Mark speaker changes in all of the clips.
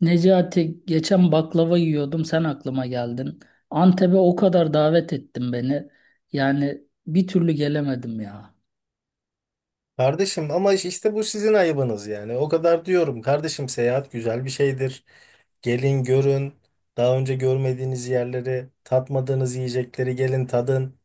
Speaker 1: Necati geçen baklava yiyordum sen aklıma geldin. Antep'e o kadar davet ettin beni. Yani bir türlü gelemedim ya.
Speaker 2: Kardeşim ama işte bu sizin ayıbınız yani. O kadar diyorum. Kardeşim seyahat güzel bir şeydir. Gelin görün. Daha önce görmediğiniz yerleri, tatmadığınız yiyecekleri gelin tadın.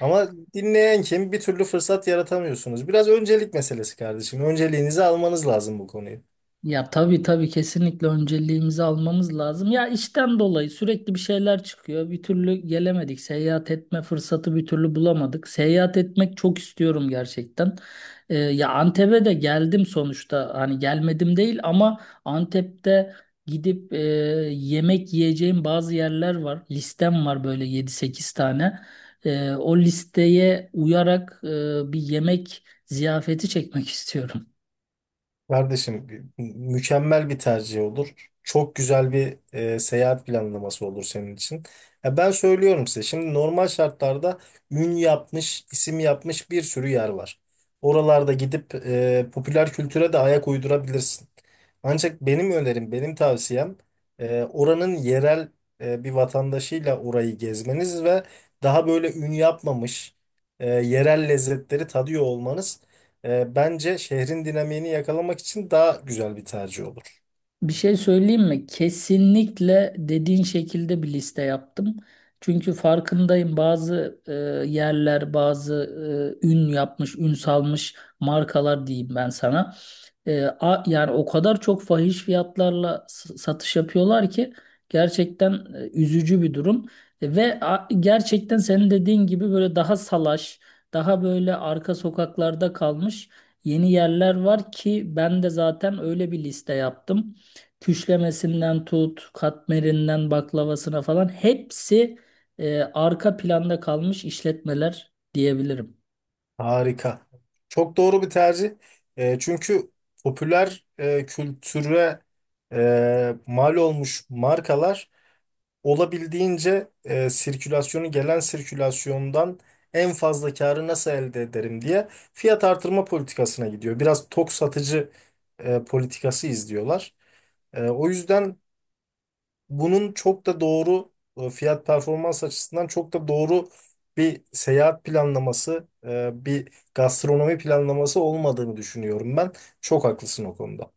Speaker 2: Ama dinleyen kim? Bir türlü fırsat yaratamıyorsunuz. Biraz öncelik meselesi kardeşim. Önceliğinizi almanız lazım bu konuyu.
Speaker 1: Ya tabii tabii kesinlikle önceliğimizi almamız lazım. Ya işten dolayı sürekli bir şeyler çıkıyor. Bir türlü gelemedik. Seyahat etme fırsatı bir türlü bulamadık. Seyahat etmek çok istiyorum gerçekten. Ya Antep'e de geldim sonuçta. Hani gelmedim değil ama Antep'te gidip yemek yiyeceğim bazı yerler var. Listem var böyle yedi sekiz tane. O listeye uyarak bir yemek ziyafeti çekmek istiyorum.
Speaker 2: Kardeşim mükemmel bir tercih olur. Çok güzel bir seyahat planlaması olur senin için. Ya ben söylüyorum size şimdi normal şartlarda ün yapmış, isim yapmış bir sürü yer var. Oralarda gidip popüler kültüre de ayak uydurabilirsin. Ancak benim önerim, benim tavsiyem oranın yerel bir vatandaşıyla orayı gezmeniz ve daha böyle ün yapmamış yerel lezzetleri tadıyor olmanız. Bence şehrin dinamiğini yakalamak için daha güzel bir tercih olur.
Speaker 1: Bir şey söyleyeyim mi? Kesinlikle dediğin şekilde bir liste yaptım. Çünkü farkındayım bazı yerler, bazı ün yapmış, ün salmış markalar diyeyim ben sana. Yani o kadar çok fahiş fiyatlarla satış yapıyorlar ki gerçekten üzücü bir durum. Ve gerçekten senin dediğin gibi böyle daha salaş, daha böyle arka sokaklarda kalmış yeni yerler var ki ben de zaten öyle bir liste yaptım. Küşlemesinden tut, katmerinden baklavasına falan hepsi arka planda kalmış işletmeler diyebilirim.
Speaker 2: Harika. Çok doğru bir tercih. Çünkü popüler kültüre mal olmuş markalar olabildiğince sirkülasyonu gelen sirkülasyondan en fazla karı nasıl elde ederim diye fiyat artırma politikasına gidiyor. Biraz tok satıcı politikası izliyorlar. O yüzden bunun çok da doğru fiyat performans açısından çok da doğru bir seyahat planlaması, bir gastronomi planlaması olmadığını düşünüyorum ben. Çok haklısın o konuda.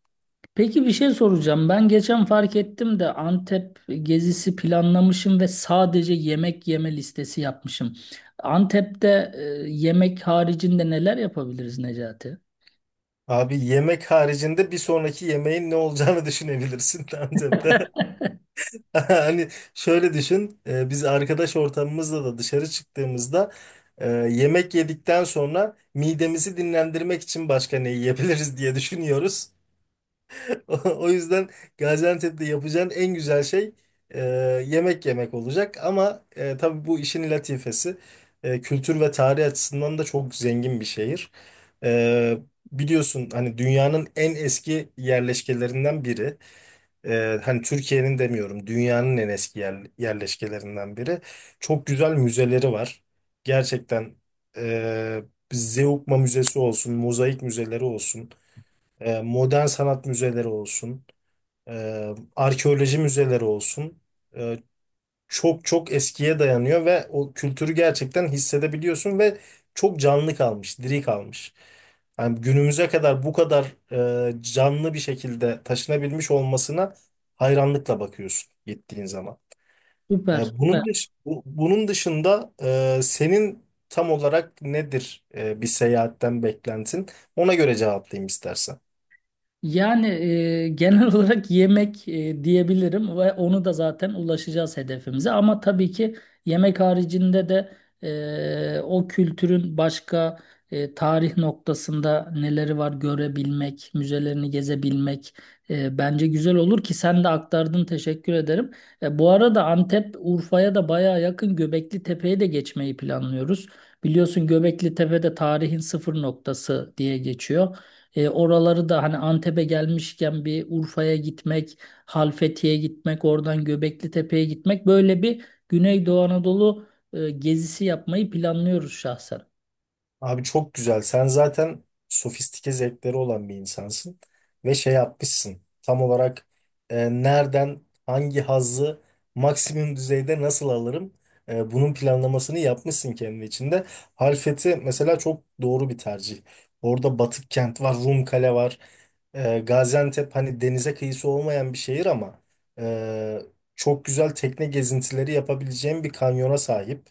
Speaker 1: Peki bir şey soracağım. Ben geçen fark ettim de Antep gezisi planlamışım ve sadece yemek yeme listesi yapmışım. Antep'te yemek haricinde neler yapabiliriz, Necati?
Speaker 2: Abi yemek haricinde bir sonraki yemeğin ne olacağını düşünebilirsin bence de. Hani şöyle düşün, biz arkadaş ortamımızla da dışarı çıktığımızda yemek yedikten sonra midemizi dinlendirmek için başka ne yiyebiliriz diye düşünüyoruz. O yüzden Gaziantep'te yapacağın en güzel şey e, yemek yemek olacak. Ama tabii bu işin latifesi kültür ve tarih açısından da çok zengin bir şehir. E, Biliyorsun hani dünyanın en eski yerleşkelerinden biri. Hani Türkiye'nin demiyorum dünyanın en eski yerleşkelerinden biri. Çok güzel müzeleri var. Gerçekten e, Zeugma Müzesi olsun, mozaik müzeleri olsun, modern sanat müzeleri olsun arkeoloji müzeleri olsun. E, Çok çok eskiye dayanıyor ve o kültürü gerçekten hissedebiliyorsun ve çok canlı kalmış, diri kalmış. Yani günümüze kadar bu kadar canlı bir şekilde taşınabilmiş olmasına hayranlıkla bakıyorsun gittiğin zaman.
Speaker 1: Süper, süper.
Speaker 2: Bunun dışında senin tam olarak nedir bir seyahatten beklentin? Ona göre cevaplayayım istersen.
Speaker 1: Yani genel olarak yemek diyebilirim ve onu da zaten ulaşacağız hedefimize. Ama tabii ki yemek haricinde de o kültürün başka tarih noktasında neleri var görebilmek, müzelerini gezebilmek bence güzel olur ki sen de aktardın, teşekkür ederim. Bu arada Antep Urfa'ya da bayağı yakın, Göbekli Tepe'ye de geçmeyi planlıyoruz. Biliyorsun Göbekli Tepe de tarihin sıfır noktası diye geçiyor. Oraları da hani Antep'e gelmişken bir Urfa'ya gitmek, Halfeti'ye gitmek, oradan Göbekli Tepe'ye gitmek, böyle bir Güneydoğu Anadolu gezisi yapmayı planlıyoruz şahsen.
Speaker 2: Abi çok güzel. Sen zaten sofistike zevkleri olan bir insansın ve şey yapmışsın. Tam olarak nereden hangi hazzı maksimum düzeyde nasıl alırım? Bunun planlamasını yapmışsın kendi içinde. Halfeti mesela çok doğru bir tercih. Orada Batık kent var, Rum kale var. Gaziantep hani denize kıyısı olmayan bir şehir ama e, çok güzel tekne gezintileri yapabileceğim bir kanyona sahip.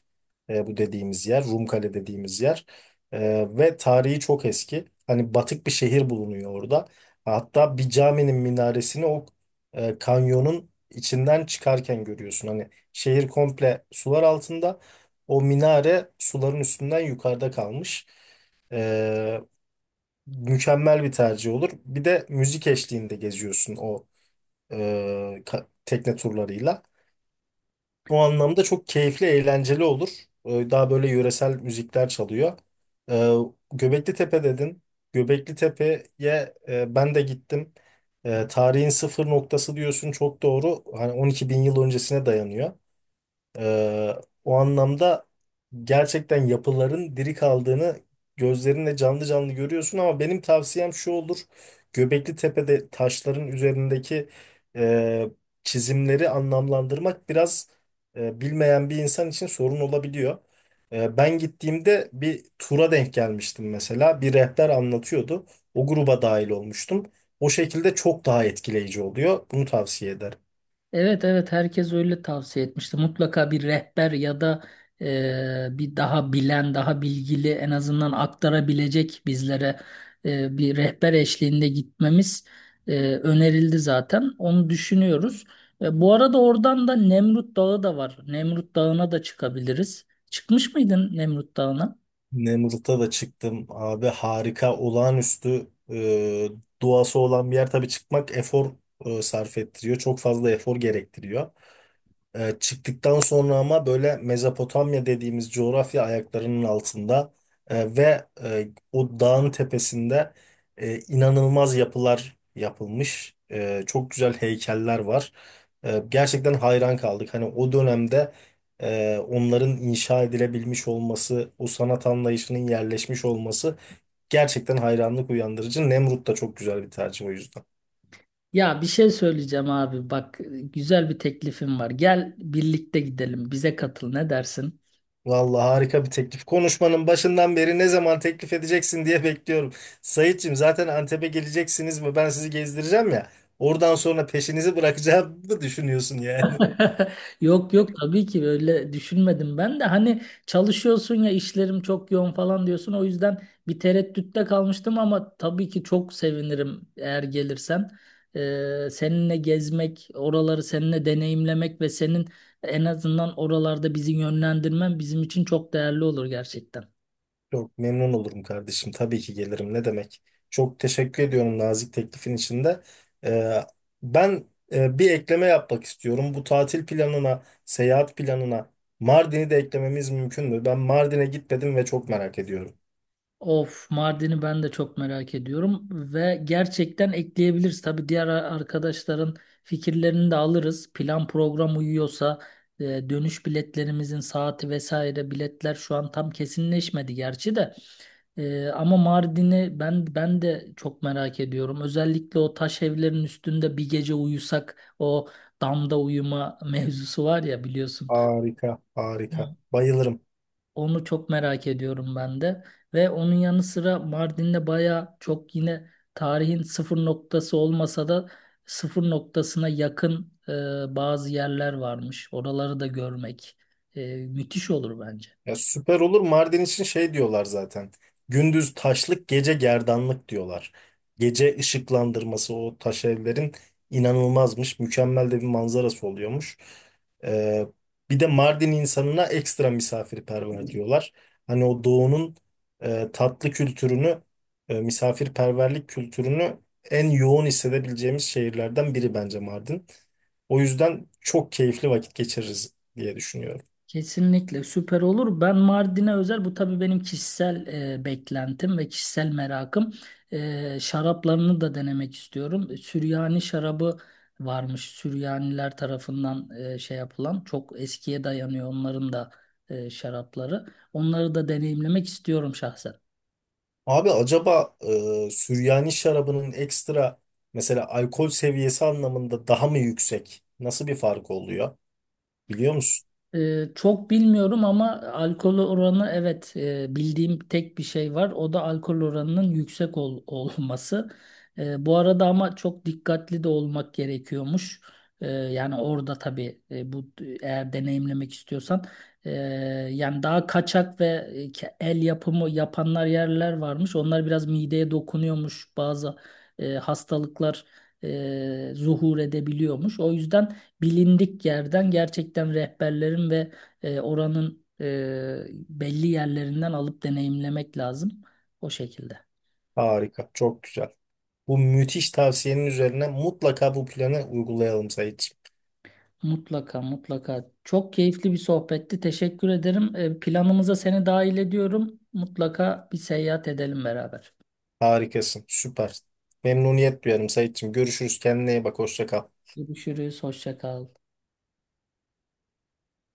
Speaker 2: Bu dediğimiz yer, Rumkale dediğimiz yer. Ve tarihi çok eski. Hani batık bir şehir bulunuyor orada. Hatta bir caminin minaresini o kanyonun içinden çıkarken görüyorsun. Hani şehir komple sular altında. O minare suların üstünden yukarıda kalmış. Ee, Mükemmel bir tercih olur. Bir de müzik eşliğinde geziyorsun o e, tekne turlarıyla. O anlamda çok keyifli, eğlenceli olur. Daha böyle yöresel müzikler çalıyor. Ee, Göbekli Tepe dedin. Göbekli Tepe'ye ben de gittim. Tarihin sıfır noktası diyorsun çok doğru. Hani 12 bin yıl öncesine dayanıyor. Ee, O anlamda gerçekten yapıların diri kaldığını gözlerinle canlı canlı görüyorsun ama benim tavsiyem şu olur. Göbekli Tepe'de taşların üzerindeki e, çizimleri anlamlandırmak biraz bilmeyen bir insan için sorun olabiliyor. Ben gittiğimde bir tura denk gelmiştim mesela. Bir rehber anlatıyordu. O gruba dahil olmuştum. O şekilde çok daha etkileyici oluyor. Bunu tavsiye ederim.
Speaker 1: Evet evet, herkes öyle tavsiye etmişti. Mutlaka bir rehber ya da bir daha bilen, daha bilgili, en azından aktarabilecek bizlere bir rehber eşliğinde gitmemiz önerildi zaten. Onu düşünüyoruz. Bu arada oradan da Nemrut Dağı da var. Nemrut Dağı'na da çıkabiliriz. Çıkmış mıydın Nemrut Dağı'na?
Speaker 2: Nemrut'a da çıktım abi harika olağanüstü doğası olan bir yer tabii çıkmak efor sarf ettiriyor. Çok fazla efor gerektiriyor. Çıktıktan sonra ama böyle Mezopotamya dediğimiz coğrafya ayaklarının altında o dağın tepesinde inanılmaz yapılar yapılmış. Çok güzel heykeller var. Gerçekten hayran kaldık. Hani o dönemde onların inşa edilebilmiş olması, o sanat anlayışının yerleşmiş olması gerçekten hayranlık uyandırıcı. Nemrut da çok güzel bir tercih o yüzden.
Speaker 1: Ya bir şey söyleyeceğim abi. Bak, güzel bir teklifim var. Gel birlikte gidelim. Bize katıl. Ne dersin?
Speaker 2: Vallahi harika bir teklif. Konuşmanın başından beri ne zaman teklif edeceksin diye bekliyorum. Sayitçim zaten Antep'e geleceksiniz ve ben sizi gezdireceğim ya. Oradan sonra peşinizi bırakacağımı düşünüyorsun yani.
Speaker 1: Yok yok, tabii ki öyle düşünmedim ben de hani çalışıyorsun ya, işlerim çok yoğun falan diyorsun, o yüzden bir tereddütte kalmıştım, ama tabii ki çok sevinirim eğer gelirsen. Seninle gezmek, oraları seninle deneyimlemek ve senin en azından oralarda bizi yönlendirmen bizim için çok değerli olur gerçekten.
Speaker 2: Çok memnun olurum kardeşim. Tabii ki gelirim. Ne demek? Çok teşekkür ediyorum nazik teklifin içinde. Ee, Ben bir ekleme yapmak istiyorum. Bu tatil planına, seyahat planına Mardin'i de eklememiz mümkün mü? Ben Mardin'e gitmedim ve çok merak ediyorum.
Speaker 1: Of, Mardin'i ben de çok merak ediyorum ve gerçekten ekleyebiliriz. Tabii diğer arkadaşların fikirlerini de alırız. Plan program uyuyorsa dönüş biletlerimizin saati vesaire, biletler şu an tam kesinleşmedi gerçi de. Ama Mardin'i ben de çok merak ediyorum. Özellikle o taş evlerin üstünde bir gece uyusak, o damda uyuma mevzusu var ya, biliyorsun.
Speaker 2: Harika, harika. Bayılırım.
Speaker 1: Onu çok merak ediyorum ben de. Ve onun yanı sıra Mardin'de baya çok, yine tarihin sıfır noktası olmasa da sıfır noktasına yakın bazı yerler varmış. Oraları da görmek müthiş olur bence.
Speaker 2: Ya süper olur. Mardin için şey diyorlar zaten. Gündüz taşlık, gece gerdanlık diyorlar. Gece ışıklandırması o taş evlerin inanılmazmış. Mükemmel de bir manzarası oluyormuş. Ee, Bir de Mardin insanına ekstra misafirperver diyorlar. Hani o doğunun tatlı kültürünü, misafirperverlik kültürünü en yoğun hissedebileceğimiz şehirlerden biri bence Mardin. O yüzden çok keyifli vakit geçiririz diye düşünüyorum.
Speaker 1: Kesinlikle süper olur. Ben Mardin'e özel bu, tabii benim kişisel beklentim ve kişisel merakım. Şaraplarını da denemek istiyorum. Süryani şarabı varmış. Süryaniler tarafından şey yapılan, çok eskiye dayanıyor onların da şarapları. Onları da deneyimlemek istiyorum şahsen.
Speaker 2: Abi acaba Süryani şarabının ekstra mesela alkol seviyesi anlamında daha mı yüksek? Nasıl bir fark oluyor? Biliyor musun?
Speaker 1: Çok bilmiyorum ama alkol oranı, evet bildiğim tek bir şey var. O da alkol oranının yüksek olması. Bu arada ama çok dikkatli de olmak gerekiyormuş. Yani orada tabii bu, eğer deneyimlemek istiyorsan e, yani daha kaçak ve el yapımı yapanlar yerler varmış. Onlar biraz mideye dokunuyormuş. Bazı hastalıklar zuhur edebiliyormuş. O yüzden bilindik yerden, gerçekten rehberlerin ve oranın belli yerlerinden alıp deneyimlemek lazım. O şekilde.
Speaker 2: Harika, çok güzel. Bu müthiş tavsiyenin üzerine mutlaka bu planı uygulayalım Saitçiğim.
Speaker 1: Mutlaka mutlaka. Çok keyifli bir sohbetti, teşekkür ederim. Planımıza seni dahil ediyorum. Mutlaka bir seyahat edelim beraber.
Speaker 2: Harikasın, süper. Memnuniyet duyarım Saitçiğim. Görüşürüz, kendine iyi bak, hoşça kal.
Speaker 1: Görüşürüz. Hoşça kal.